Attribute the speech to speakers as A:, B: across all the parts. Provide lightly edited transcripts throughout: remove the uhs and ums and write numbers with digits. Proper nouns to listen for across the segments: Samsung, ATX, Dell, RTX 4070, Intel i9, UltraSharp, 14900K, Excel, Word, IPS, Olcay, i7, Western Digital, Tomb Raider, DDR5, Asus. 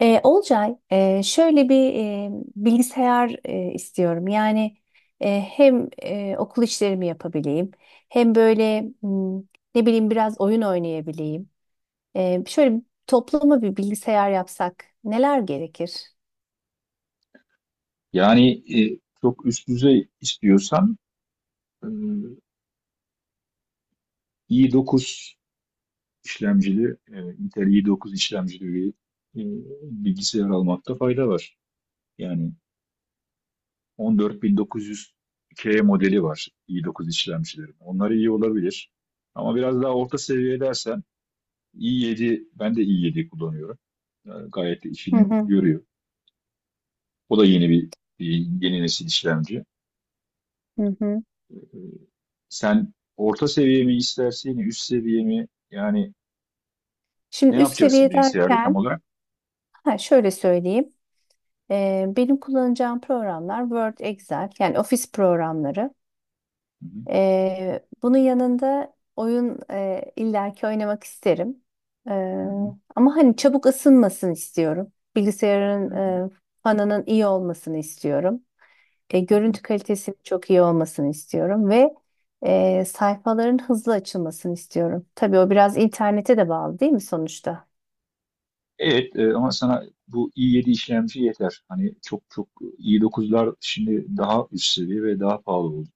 A: Olcay, şöyle bir bilgisayar istiyorum. Yani hem okul işlerimi yapabileyim, hem böyle ne bileyim biraz oyun oynayabileyim. Şöyle toplama bir bilgisayar yapsak neler gerekir?
B: Yani çok üst düzey istiyorsan e, i9 işlemcili, Intel i9 işlemcili bir e, bilgisayar almakta fayda var. Yani 14900K modeli var i9 işlemcilerin. Onlar iyi olabilir. Ama biraz daha orta seviye dersen i7, ben de i7 kullanıyorum. Gayet de
A: Hı
B: işini
A: hı.
B: görüyor. O da yeni bir e, yeni nesil işlemci.
A: Hı hı.
B: Ee, Sen orta seviye mi istersin, üst seviye mi? Yani ne
A: Şimdi üst
B: yapacaksın
A: seviye
B: bilgisayarda tam
A: derken
B: olarak?
A: ha, şöyle söyleyeyim. Benim kullanacağım programlar Word, Excel, yani ofis programları.
B: Hı hı,
A: Bunun yanında oyun illaki oynamak isterim. Ee,
B: hı hı,
A: Ama hani çabuk ısınmasını istiyorum.
B: hı
A: Bilgisayarın
B: hı,
A: e, fanının iyi olmasını istiyorum.
B: hı hı.
A: Görüntü kalitesinin çok iyi olmasını istiyorum ve sayfaların hızlı açılmasını istiyorum. Tabii o biraz internete de bağlı değil mi sonuçta?
B: Evet, ama sana bu i7 işlemci yeter. Hani çok çok i9'lar şimdi daha üst seviye ve daha pahalı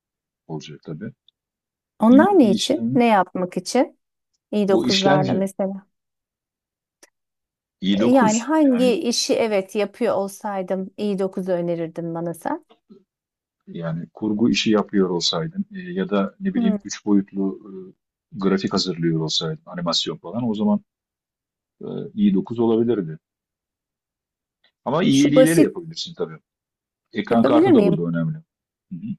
B: olacak tabii.
A: Onlar
B: i7
A: ne için?
B: işlem
A: Ne yapmak için?
B: Bu
A: i9'larla
B: işlemci
A: mesela. Yani
B: i9,
A: hangi işi evet yapıyor olsaydım i9'u önerirdin bana sen?
B: yani kurgu işi yapıyor olsaydın, ya da ne bileyim
A: Hmm.
B: 3 boyutlu grafik hazırlıyor olsaydın, animasyon falan, o zaman e, i9 olabilirdi. Ama
A: Şu
B: i7 ile de
A: basit
B: yapabilirsin tabii. Ekran
A: yapabilir
B: kartı da
A: miyim?
B: burada önemli. Hı hı.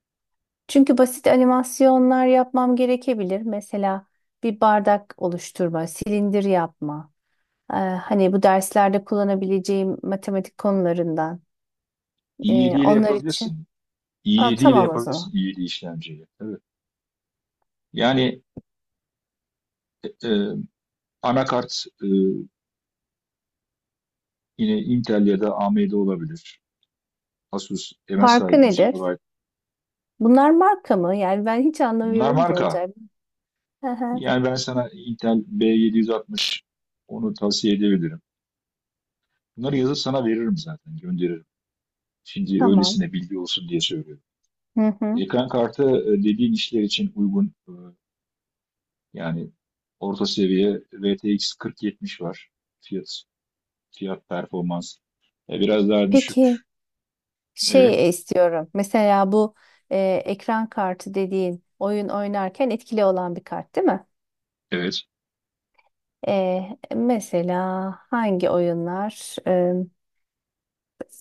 A: Çünkü basit animasyonlar yapmam gerekebilir. Mesela bir bardak oluşturma, silindir yapma. Hani bu derslerde kullanabileceğim matematik konularından.
B: i7 ile
A: Onlar
B: yapabilirsin.
A: için. Aa,
B: i7 ile
A: tamam o
B: yapabilirsin,
A: zaman.
B: i7 işlemciyle. Evet. Yani e, e, anakart yine Intel ya da AMD olabilir. Asus, MSI,
A: Farkı
B: 100
A: nedir?
B: GB.
A: Bunlar marka mı? Yani ben hiç
B: Bunlar
A: anlamıyorum da
B: marka.
A: olacak. Hı hı.
B: Yani ben sana Intel B760, onu tavsiye edebilirim. Bunları yazıp sana veririm zaten, gönderirim. Şimdi
A: Tamam.
B: öylesine bilgi olsun diye söylüyorum.
A: Hı hı.
B: Ekran kartı dediğin işler için uygun. Yani Orta seviye RTX 4070 var. Fiyat Fiyat performans. Biraz daha düşük.
A: Peki
B: Evet,
A: şey istiyorum. Mesela bu e, ekran kartı dediğin oyun oynarken etkili olan bir kart değil mi?
B: evet.
A: E, Mesela hangi oyunlar?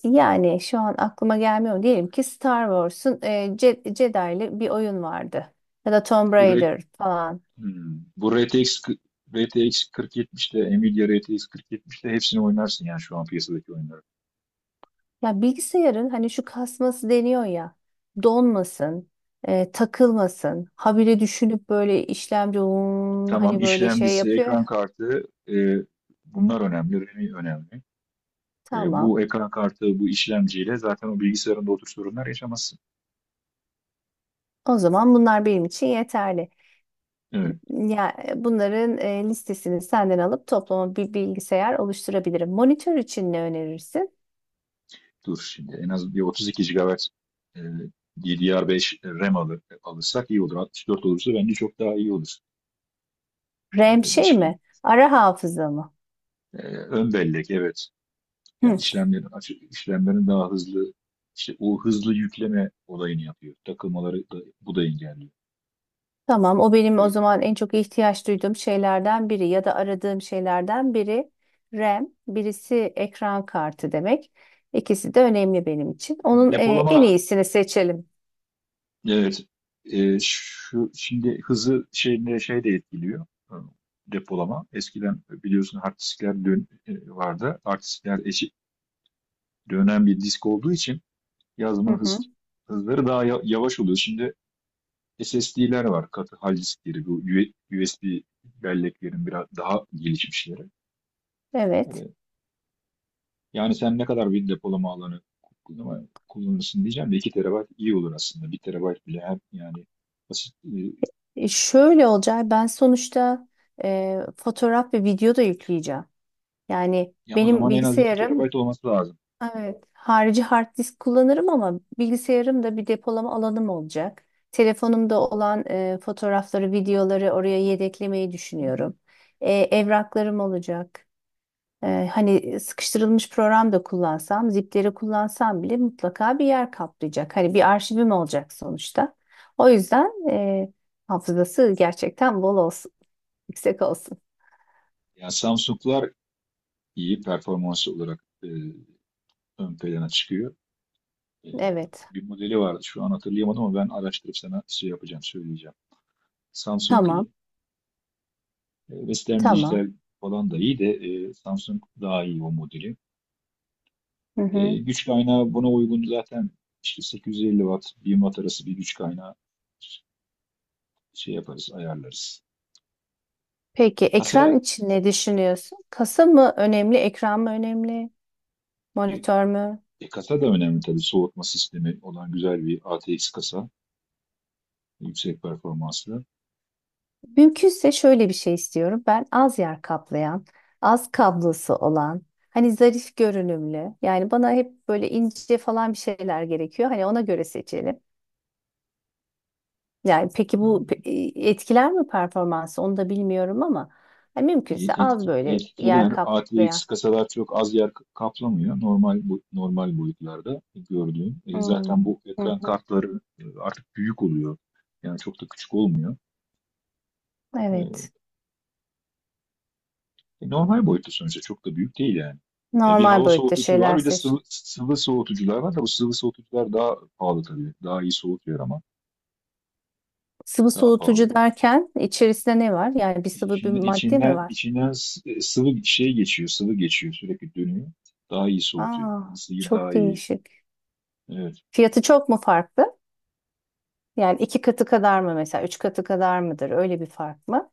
A: Yani şu an aklıma gelmiyor. Diyelim ki Star Wars'un Jedi'li bir oyun vardı. Ya da Tomb
B: Şu re-
A: Raider falan.
B: Hmm. RTX 4070'te, Nvidia RTX 4070'te hepsini oynarsın yani, şu an piyasadaki oyunları.
A: Ya bilgisayarın hani şu kasması deniyor ya. Donmasın, takılmasın. Habire düşünüp böyle işlemci "Hmm,"
B: Tamam,
A: hani böyle şey
B: işlemcisi,
A: yapıyor.
B: ekran kartı, e,
A: Hı,
B: bunlar önemli, RAM'i önemli.
A: tamam.
B: Bu ekran kartı, bu işlemciyle zaten o bilgisayarında o tür sorunlar yaşamazsın.
A: O zaman bunlar benim için yeterli.
B: Evet.
A: Ya bunların listesini senden alıp toplama bir bilgisayar oluşturabilirim. Monitör için ne önerirsin?
B: Dur şimdi, en az bir 32 GB e, DDR5 RAM alırsak iyi olur. 64 olursa bence çok daha iyi olur.
A: RAM şey
B: 5000,
A: mi? Ara hafıza mı?
B: ön bellek, evet. Yani
A: Hı.
B: işlemlerin daha hızlı, işte o hızlı yükleme olayını yapıyor. Takılmaları da, bu da engelliyor.
A: Tamam, o benim o
B: E,
A: zaman en çok ihtiyaç duyduğum şeylerden biri ya da aradığım şeylerden biri RAM, birisi ekran kartı demek. İkisi de önemli benim için. Onun en
B: depolama,
A: iyisini seçelim.
B: evet. Şu, şimdi hızı şeyine şey de etkiliyor. Depolama. Eskiden biliyorsun hard diskler vardı. Hard diskler eşi, dönen bir disk olduğu için
A: Hı
B: yazma
A: hı.
B: hızları daha yavaş oluyor. Şimdi SSD'ler var, katı hal diskleri, bu USB belleklerin biraz daha gelişmişleri.
A: Evet.
B: Hani, yani sen ne kadar bir depolama alanı kullanırsın diyeceğim de, 2 TB iyi olur aslında. 1 TB bile, hem yani basit,
A: Şöyle olacak. Ben sonuçta fotoğraf ve video da yükleyeceğim. Yani
B: ya o
A: benim
B: zaman en az 2 TB
A: bilgisayarım,
B: olması lazım.
A: evet, harici hard disk kullanırım ama bilgisayarımda bir depolama alanım olacak. Telefonumda olan fotoğrafları, videoları oraya yedeklemeyi
B: Hı hı.
A: düşünüyorum. Evraklarım olacak. Hani sıkıştırılmış program da kullansam, zipleri kullansam bile mutlaka bir yer kaplayacak. Hani bir arşivim olacak sonuçta. O yüzden hafızası gerçekten bol olsun, yüksek olsun.
B: Ya Samsung'lar iyi performans olarak ön plana çıkıyor. E,
A: Evet.
B: Bir modeli vardı, şu an hatırlayamadım, ama ben araştırıp sana şey yapacağım, söyleyeceğim. Samsung
A: Tamam.
B: iyi. E, Western
A: Tamam.
B: Digital falan da iyi de, Samsung daha iyi o modeli.
A: Hı hı.
B: E, güç kaynağı buna uygun zaten, işte 850 watt 1000 watt arası bir güç kaynağı, şey yaparız, ayarlarız.
A: Peki
B: Kasa,
A: ekran için ne düşünüyorsun? Kasa mı önemli, ekran mı önemli,
B: e,
A: monitör mü?
B: kasa da önemli tabii, soğutma sistemi olan güzel bir ATX kasa, yüksek performanslı.
A: Mümkünse şöyle bir şey istiyorum. Ben az yer kaplayan, az kablosu olan, hani zarif görünümlü. Yani bana hep böyle ince falan bir şeyler gerekiyor. Hani ona göre seçelim. Yani peki etkiler mi performansı onu da bilmiyorum ama yani mümkünse az
B: Etki,
A: böyle yer
B: etkiler ATX
A: kaplayan.
B: kasalar çok az yer kaplamıyor, normal normal boyutlarda gördüğüm. Zaten
A: Hmm.
B: bu
A: Hı
B: ekran
A: hı.
B: kartları artık büyük oluyor. Yani çok da küçük olmuyor. E,
A: Evet.
B: Normal boyutta, sonuçta çok da büyük değil yani. E, bir
A: Normal
B: hava
A: boyutta
B: soğutucu var,
A: şeyler
B: bir de
A: seçin.
B: sıvı soğutucular var da, bu sıvı soğutucular daha pahalı tabii. Daha iyi soğutuyor ama
A: Sıvı
B: daha
A: soğutucu
B: pahalı.
A: derken içerisinde ne var? Yani bir
B: E,
A: sıvı bir
B: İçinden,
A: madde mi var?
B: sıvı şey geçiyor, sıvı geçiyor, sürekli dönüyor. Daha iyi soğutuyor.
A: Aa,
B: Isıyı
A: çok
B: daha iyi.
A: değişik.
B: Evet.
A: Fiyatı çok mu farklı? Yani iki katı kadar mı mesela? Üç katı kadar mıdır? Öyle bir fark mı?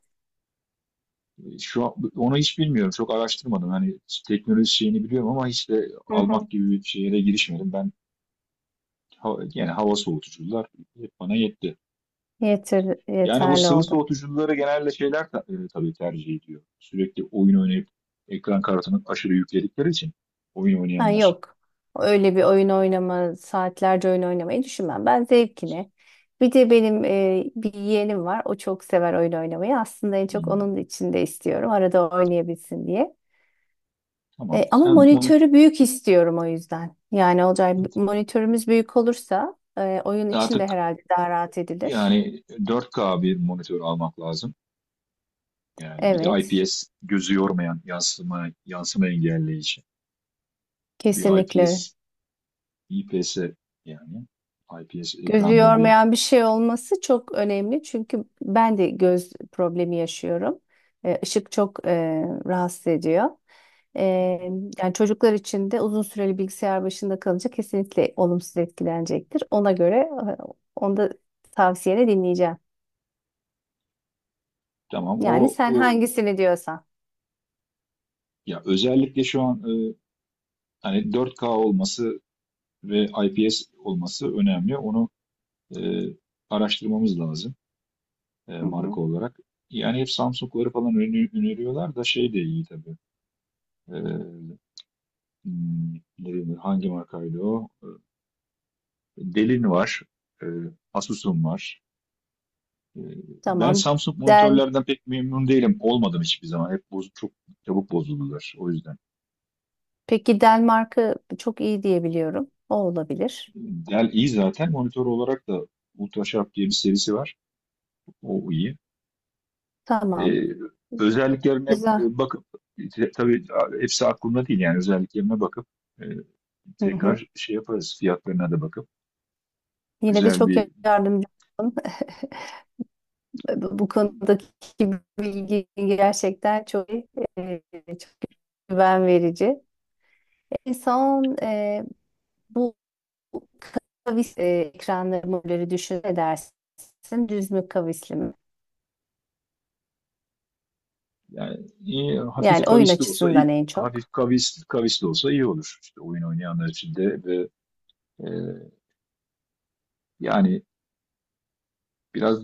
B: Şu an, onu hiç bilmiyorum. Çok araştırmadım. Hani teknoloji şeyini biliyorum ama hiç de
A: Hı hı.
B: almak gibi bir şeye girişmedim. Ben hava, yani hava soğutucular hep bana yetti.
A: Yeter,
B: Yani bu
A: yeterli
B: sıvı
A: oldu.
B: soğutucuları genelde şeyler tabii tercih ediyor. Sürekli oyun oynayıp ekran kartını aşırı yükledikleri için, oyun
A: Ha
B: oynayanlar.
A: yok. Öyle bir oyun oynama, saatlerce oyun oynamayı düşünmem. Ben zevkine. Bir de benim bir yeğenim var. O çok sever oyun oynamayı. Aslında en çok
B: Hmm,
A: onun için de istiyorum. Arada oynayabilsin diye.
B: tamam.
A: Ama
B: Sen monitör,
A: monitörü büyük istiyorum o yüzden. Yani olacak monitörümüz büyük olursa oyun için de
B: artık
A: herhalde daha rahat edilir.
B: yani 4K bir monitör almak lazım. Yani bir de
A: Evet,
B: IPS, gözü yormayan, yansıma engelleyici bir IPS.
A: kesinlikle.
B: IPS yani IPS
A: Gözü
B: Ekranda bir...
A: yormayan bir şey olması çok önemli. Çünkü ben de göz problemi yaşıyorum. Işık çok rahatsız ediyor. Ee, Yani çocuklar için de uzun süreli bilgisayar başında kalınca kesinlikle olumsuz etkilenecektir. Ona göre e, onu da tavsiyeni dinleyeceğim.
B: tamam
A: Yani
B: o
A: sen
B: o
A: hangisini diyorsan.
B: Ya özellikle şu an, hani 4K olması ve IPS olması önemli. Onu e, araştırmamız lazım,
A: Hı hı.
B: marka olarak. Yani hep Samsung'ları falan öneriyorlar da, şey de iyi tabii. E, hmm, ne bileyim, hangi markaydı o? E, Delin var. e, Asus'un var. Ee, Ben
A: Tamam.
B: Samsung
A: Del.
B: monitörlerden pek memnun değilim. Olmadım hiçbir zaman. Hep çok çabuk bozuldular. O yüzden.
A: Peki Dell marka çok iyi diyebiliyorum. O olabilir.
B: Dell iyi zaten. Monitör olarak da UltraSharp diye bir serisi var. O iyi.
A: Tamam.
B: Ee, özelliklerine
A: Güzel.
B: bakıp, tabii hepsi aklımda değil, yani özelliklerine bakıp e,
A: Hı hı.
B: tekrar şey yaparız. Fiyatlarına da bakıp
A: Yine de
B: güzel
A: çok
B: bir...
A: yardımcı oldun. Bu konudaki bilgi gerçekten çok çok güven verici. En son bu kavis ekranları modelleri düşün edersin düz mü kavisli mi?
B: Yani iyi, hafif
A: Yani oyun
B: kavisli olsa iyi,
A: açısından en çok
B: kavisli olsa iyi olur. İşte oyun oynayanlar için de, ve e, yani biraz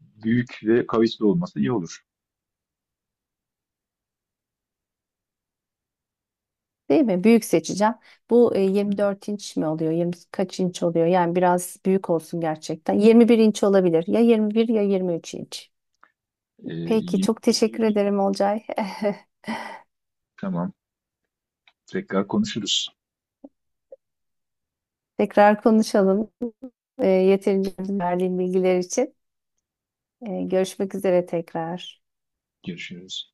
B: büyük ve kavisli olması iyi olur.
A: değil mi? Büyük seçeceğim. Bu
B: Hı.
A: 24 inç mi oluyor? 20 kaç inç oluyor? Yani biraz büyük olsun gerçekten. 21 inç olabilir. Ya 21 ya 23 inç.
B: Ee,
A: Peki çok
B: yirmi
A: teşekkür
B: bir-
A: ederim, Olcay.
B: tamam. Tekrar konuşuruz.
A: Tekrar konuşalım. Yeterince verdiğim bilgiler için. Görüşmek üzere tekrar.
B: Görüşürüz.